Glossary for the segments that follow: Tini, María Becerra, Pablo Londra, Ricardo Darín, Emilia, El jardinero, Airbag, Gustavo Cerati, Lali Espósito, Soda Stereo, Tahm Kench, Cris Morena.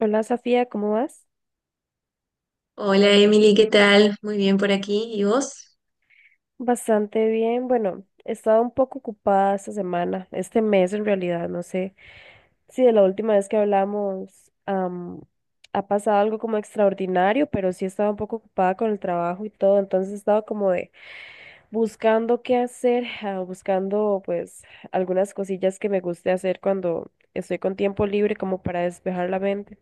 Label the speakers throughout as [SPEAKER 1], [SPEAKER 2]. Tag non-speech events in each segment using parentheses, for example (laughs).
[SPEAKER 1] Hola Sofía, ¿cómo vas?
[SPEAKER 2] Hola Emily, ¿qué tal? Muy bien por aquí. ¿Y vos?
[SPEAKER 1] Bastante bien. Bueno, he estado un poco ocupada esta semana, este mes en realidad, no sé si de la última vez que hablamos ha pasado algo como extraordinario, pero sí he estado un poco ocupada con el trabajo y todo, entonces he estado como de buscando qué hacer, buscando pues algunas cosillas que me guste hacer cuando estoy con tiempo libre como para despejar la mente.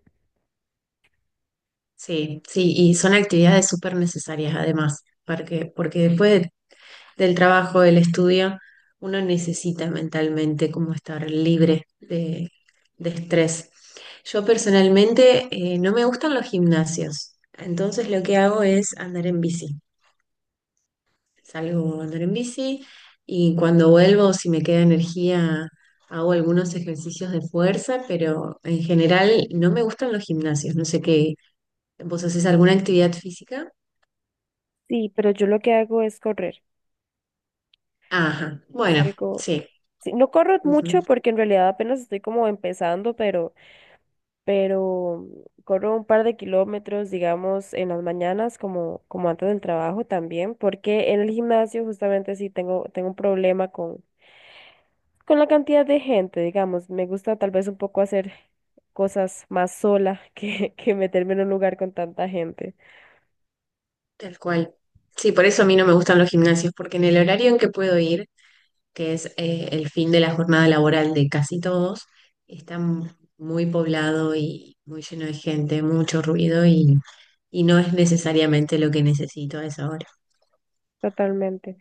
[SPEAKER 2] Sí, sí, y son actividades súper necesarias además, porque, porque del trabajo, del estudio, uno necesita mentalmente como estar libre de estrés. Yo personalmente no me gustan los gimnasios, entonces lo que hago es andar en bici. Salgo a andar en bici y cuando vuelvo, si me queda energía, hago algunos ejercicios de fuerza, pero en general no me gustan los gimnasios. No sé qué, ¿vos haces alguna actividad física?
[SPEAKER 1] Sí, pero yo lo que hago es correr.
[SPEAKER 2] Ajá, bueno,
[SPEAKER 1] Salgo.
[SPEAKER 2] sí,
[SPEAKER 1] Sí, no corro
[SPEAKER 2] ujú,
[SPEAKER 1] mucho porque en realidad apenas estoy como empezando, pero corro un par de kilómetros, digamos, en las mañanas como, como antes del trabajo también, porque en el gimnasio justamente sí tengo, tengo un problema con la cantidad de gente, digamos. Me gusta tal vez un poco hacer cosas más sola que, (laughs) que meterme en un lugar con tanta gente.
[SPEAKER 2] tal cual. Sí, por eso a mí no me gustan los gimnasios, porque en el horario en que puedo ir, que es el fin de la jornada laboral de casi todos, está muy poblado y muy lleno de gente, mucho ruido y no es necesariamente lo que necesito a esa hora.
[SPEAKER 1] Totalmente.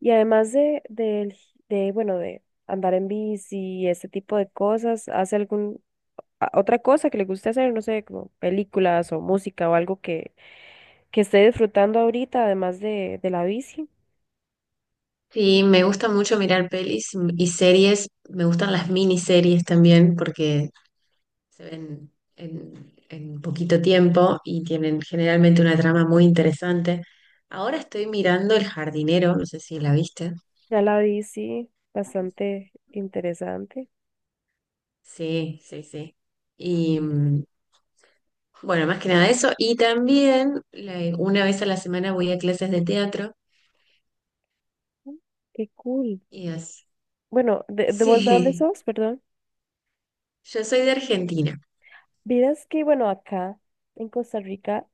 [SPEAKER 1] Y además de, de, bueno, de andar en bici y ese tipo de cosas, ¿hace algún otra cosa que le guste hacer, no sé, como películas o música o algo que esté disfrutando ahorita, además de la bici?
[SPEAKER 2] Sí, me gusta mucho mirar pelis y series, me gustan las miniseries también porque se ven en poquito tiempo y tienen generalmente una trama muy interesante. Ahora estoy mirando El jardinero, no sé si la viste.
[SPEAKER 1] Ya la bici, bastante interesante.
[SPEAKER 2] Sí, sí, sí. Y, mm, Bueno, más que nada eso. Y también una vez a la semana voy a clases de teatro.
[SPEAKER 1] Mm, qué cool.
[SPEAKER 2] Y así.
[SPEAKER 1] Bueno, de vos de dónde
[SPEAKER 2] Sí,
[SPEAKER 1] sos? Perdón.
[SPEAKER 2] (laughs) yo soy de Argentina.
[SPEAKER 1] Vieras que, bueno, acá en Costa Rica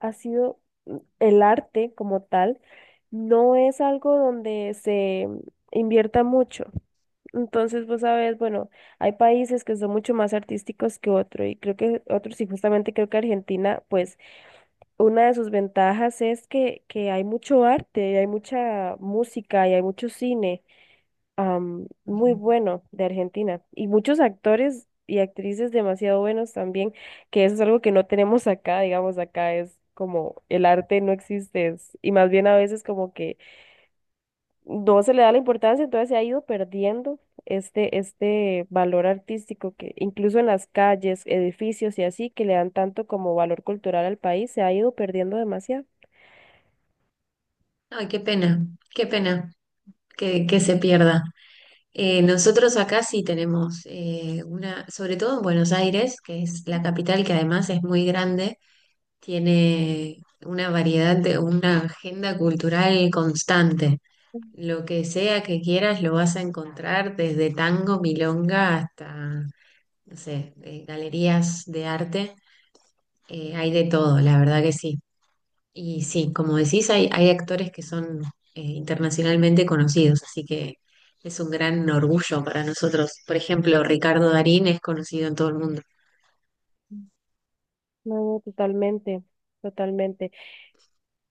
[SPEAKER 1] ha sido el arte como tal, no es algo donde se invierta mucho. Entonces, vos sabes, bueno, hay países que son mucho más artísticos que otros y creo que otros, y justamente creo que Argentina, pues una de sus ventajas es que hay mucho arte, y hay mucha música y hay mucho cine muy
[SPEAKER 2] Ujú.
[SPEAKER 1] bueno de Argentina y muchos actores y actrices demasiado buenos también, que eso es algo que no tenemos acá, digamos, acá es como el arte no existe y más bien a veces como que no se le da la importancia, entonces se ha ido perdiendo este, este valor artístico que incluso en las calles, edificios y así, que le dan tanto como valor cultural al país, se ha ido perdiendo demasiado.
[SPEAKER 2] Ay, qué pena que se pierda. Nosotros acá sí tenemos una, sobre todo en Buenos Aires, que es la capital que además es muy grande, tiene una variedad de una agenda cultural constante. Lo que sea que quieras lo vas a encontrar desde tango, milonga hasta no sé, galerías de arte, hay de todo, la verdad que sí. Y sí, como decís, hay actores que son internacionalmente conocidos, así que es un gran orgullo para nosotros. Por ejemplo, Ricardo Darín es conocido en todo el mundo.
[SPEAKER 1] No, totalmente, totalmente.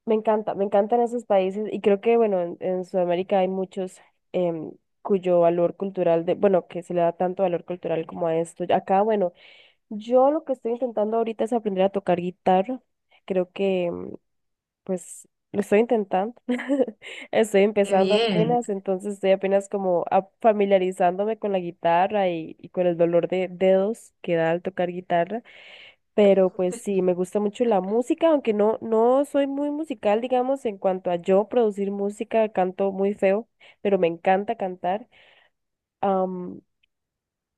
[SPEAKER 1] Me encanta, me encantan esos países y creo que, bueno, en Sudamérica hay muchos em, cuyo valor cultural, de, bueno, que se le da tanto valor cultural como a esto. Acá, bueno, yo lo que estoy intentando ahorita es aprender a tocar guitarra. Creo que pues lo estoy intentando. (laughs) Estoy
[SPEAKER 2] ¡Qué
[SPEAKER 1] empezando
[SPEAKER 2] bien!
[SPEAKER 1] apenas, entonces estoy apenas como familiarizándome con la guitarra y con el dolor de dedos que da al tocar guitarra. Pero pues sí,
[SPEAKER 2] (laughs)
[SPEAKER 1] me gusta mucho la música, aunque no, no soy muy musical, digamos, en cuanto a yo producir música, canto muy feo, pero me encanta cantar. Am,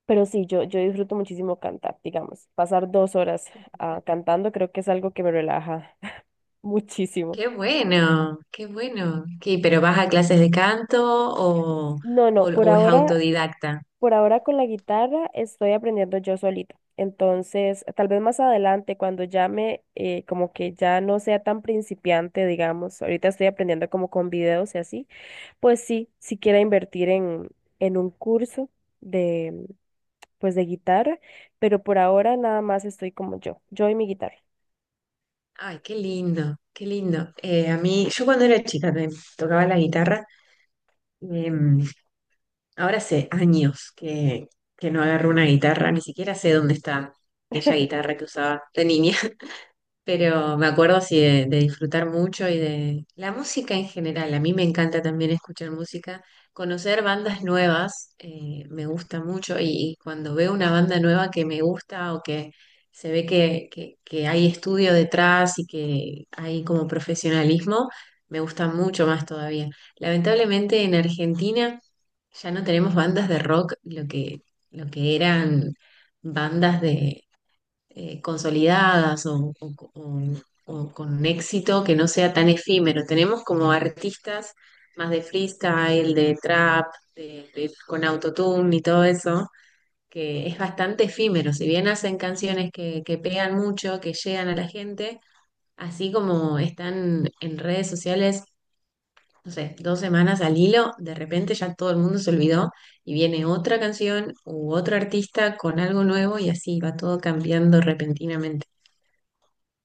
[SPEAKER 1] pero sí, yo disfruto muchísimo cantar, digamos. Pasar dos horas cantando creo que es algo que me relaja (laughs) muchísimo.
[SPEAKER 2] ¡Qué bueno! ¡Qué bueno! ¿Qué, pero vas a clases de canto o,
[SPEAKER 1] No, no, por
[SPEAKER 2] o es
[SPEAKER 1] ahora
[SPEAKER 2] autodidacta?
[SPEAKER 1] por ahora con la guitarra estoy aprendiendo yo solita. Entonces, tal vez más adelante, cuando ya me, como que ya no sea tan principiante, digamos, ahorita estoy aprendiendo como con videos y así, pues sí, si quiera invertir en un curso de, pues de guitarra, pero por ahora nada más estoy como yo y mi guitarra.
[SPEAKER 2] ¡Ay, qué lindo! ¡Qué lindo! A mí, yo cuando era chica me tocaba la guitarra. Em, Ahora hace años que no agarro una guitarra, ni siquiera sé dónde está aquella guitarra que usaba de niña, (laughs) pero me acuerdo así de disfrutar mucho y de la música en general. A mí me encanta también escuchar música, conocer bandas nuevas, me gusta mucho y cuando veo una banda nueva que me gusta o que se ve que hay estudio detrás y que hay como profesionalismo, me gusta mucho más todavía. Lamentablemente en Argentina... Ya no tenemos bandas de rock, lo que eran bandas de consolidadas o, o con éxito que no sea tan efímero. Tenemos como artistas más de freestyle, de trap, con autotune y todo eso, que es bastante efímero. Si bien hacen canciones que pegan mucho, que llegan a la gente, así como están en redes sociales no sé, dos semanas al hilo, de repente ya todo el mundo se olvidó y viene otra canción u otro artista con algo nuevo y así va todo cambiando repentinamente.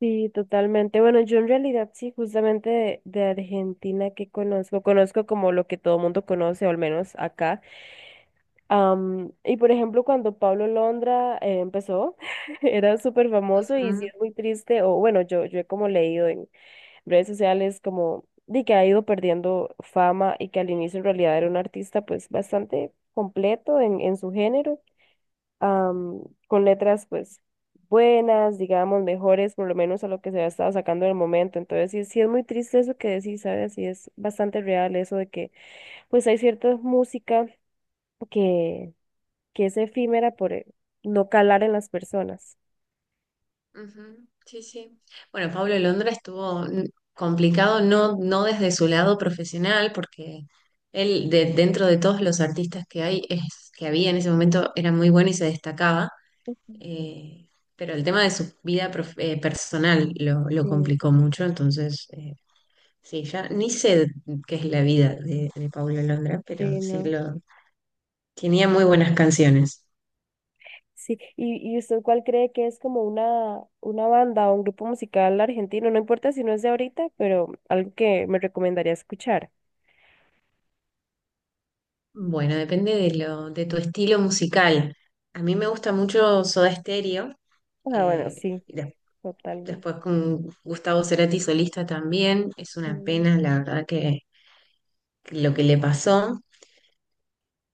[SPEAKER 1] Sí, totalmente. Bueno, yo en realidad sí, justamente de Argentina que conozco, conozco como lo que todo mundo conoce, o al menos acá. Am, y por ejemplo, cuando Pablo Londra empezó, (laughs) era súper famoso y sí
[SPEAKER 2] Ujú,
[SPEAKER 1] es muy triste, o bueno, yo he como leído en redes sociales como de que ha ido perdiendo fama y que al inicio en realidad era un artista pues bastante completo en su género, am, con letras pues buenas, digamos, mejores por lo menos a lo que se había estado sacando en el momento. Entonces sí, sí es muy triste eso que decís, ¿sabes? Sí es bastante real eso de que pues hay cierta música que que es efímera por no calar en las personas.
[SPEAKER 2] ujú, sí, sí. Bueno, Pablo Londra estuvo complicado, no, no desde su lado profesional, porque dentro de todos los artistas que hay, que había en ese momento, era muy bueno y se destacaba.
[SPEAKER 1] Ujú.
[SPEAKER 2] eh, pero el tema de su vida personal lo
[SPEAKER 1] Sí,
[SPEAKER 2] complicó mucho, entonces sí, ya ni sé qué es la vida de Paulo Londra, pero
[SPEAKER 1] sí,
[SPEAKER 2] sí
[SPEAKER 1] no.
[SPEAKER 2] lo tenía muy buenas canciones.
[SPEAKER 1] Sí, ¿y, y usted cuál cree que es como una banda o un grupo musical argentino? No importa si no es de ahorita, pero algo que me recomendaría escuchar.
[SPEAKER 2] Bueno, depende de lo, de tu estilo musical. A mí me gusta mucho Soda Stereo,
[SPEAKER 1] Ah, bueno, sí,
[SPEAKER 2] y
[SPEAKER 1] totalmente.
[SPEAKER 2] después con Gustavo Cerati solista también. Es una
[SPEAKER 1] Mm.
[SPEAKER 2] pena, la verdad, que lo que le pasó.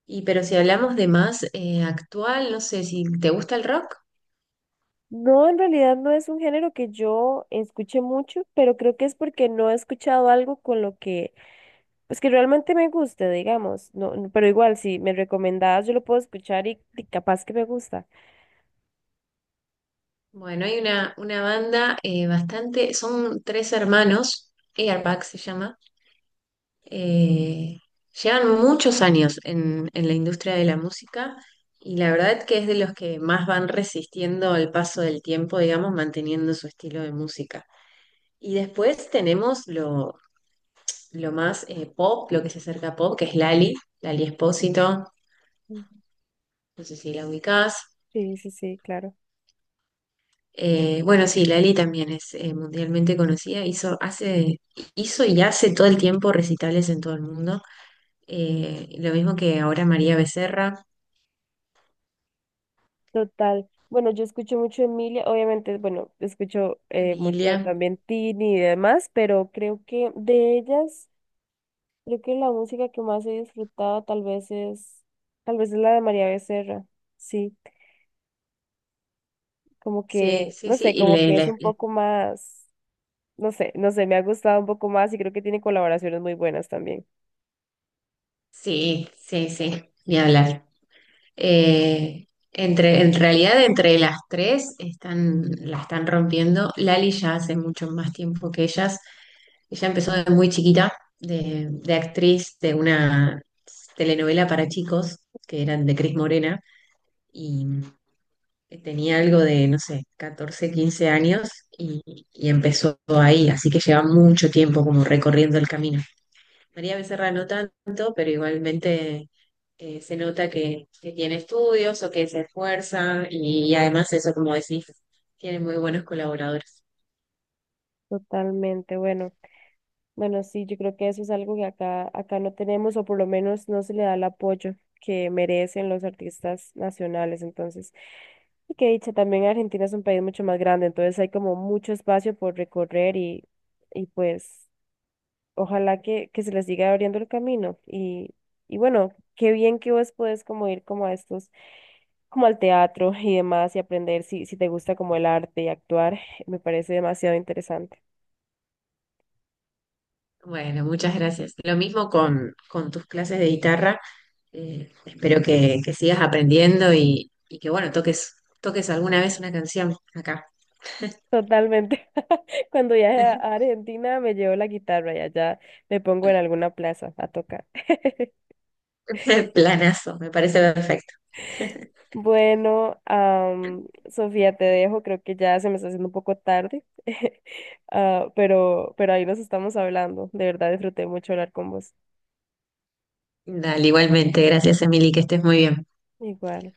[SPEAKER 2] Y pero si hablamos de más actual, no sé si te gusta el rock.
[SPEAKER 1] No, en realidad no es un género que yo escuche mucho, pero creo que es porque no he escuchado algo con lo que, pues que realmente me guste, digamos. No, no, pero igual, si me recomendabas, yo lo puedo escuchar y capaz que me gusta.
[SPEAKER 2] Bueno, hay una banda bastante, son tres hermanos, Airbag se llama. Eh, llevan muchos años en la industria de la música y la verdad que es de los que más van resistiendo el paso del tiempo, digamos, manteniendo su estilo de música. Y después tenemos lo más pop, lo que se acerca a pop, que es Lali, Lali Espósito, no sé si la ubicás.
[SPEAKER 1] Sí, sí, sí, claro.
[SPEAKER 2] Bueno, sí, Lali también es mundialmente conocida, hizo, hace, hizo y hace todo el tiempo recitales en todo el mundo. Lo mismo que ahora María Becerra,
[SPEAKER 1] Total. Bueno, yo escucho mucho Emilia, obviamente, bueno, escucho mucho
[SPEAKER 2] Emilia.
[SPEAKER 1] también Tini y demás, pero creo que de ellas, creo que la música que más he disfrutado tal vez es la de María Becerra. Sí, como
[SPEAKER 2] Sí,
[SPEAKER 1] que,
[SPEAKER 2] sí,
[SPEAKER 1] no
[SPEAKER 2] sí,
[SPEAKER 1] sé,
[SPEAKER 2] y
[SPEAKER 1] como que es un poco más, no sé, no sé, me ha gustado un poco más y creo que tiene colaboraciones muy buenas también.
[SPEAKER 2] sí, sí, sí, ni hablar. Eh, entre, en realidad, entre las tres están, la están rompiendo. Lali ya hace mucho más tiempo que ellas. Ella empezó de muy chiquita, de actriz de una telenovela para chicos, que eran de Cris Morena, y tenía algo de, no sé, 14, 15 años, y, y empezó ahí, así que lleva mucho tiempo como recorriendo el camino. María Becerra no tanto, pero igualmente se nota que tiene estudios o que se esfuerza y, además eso, como decís, tiene muy buenos colaboradores.
[SPEAKER 1] Totalmente, bueno. Bueno, sí, yo creo que eso es algo que acá, acá no tenemos o por lo menos no se le da el apoyo que merecen los artistas nacionales. Entonces, y que dicha, también Argentina es un país mucho más grande, entonces hay como mucho espacio por recorrer y pues ojalá que se les siga abriendo el camino. Y bueno, qué bien que vos podés como ir como a estos, como al teatro y demás y aprender si, si te gusta como el arte y actuar, me parece demasiado interesante.
[SPEAKER 2] Bueno, muchas gracias. Lo mismo con tus clases de guitarra. Espero que sigas aprendiendo y que, bueno, toques, toques alguna vez una canción acá.
[SPEAKER 1] Totalmente. (laughs) Cuando viaje a Argentina me llevo la guitarra y allá me pongo en alguna plaza a tocar. (laughs)
[SPEAKER 2] (laughs) Planazo, me parece perfecto. (laughs)
[SPEAKER 1] Bueno, Sofía, te dejo. Creo que ya se me está haciendo un poco tarde. (laughs) Ah, pero ahí nos estamos hablando. De verdad disfruté mucho hablar con vos.
[SPEAKER 2] Dale, igualmente. Gracias, Emily, que estés muy bien.
[SPEAKER 1] Igual.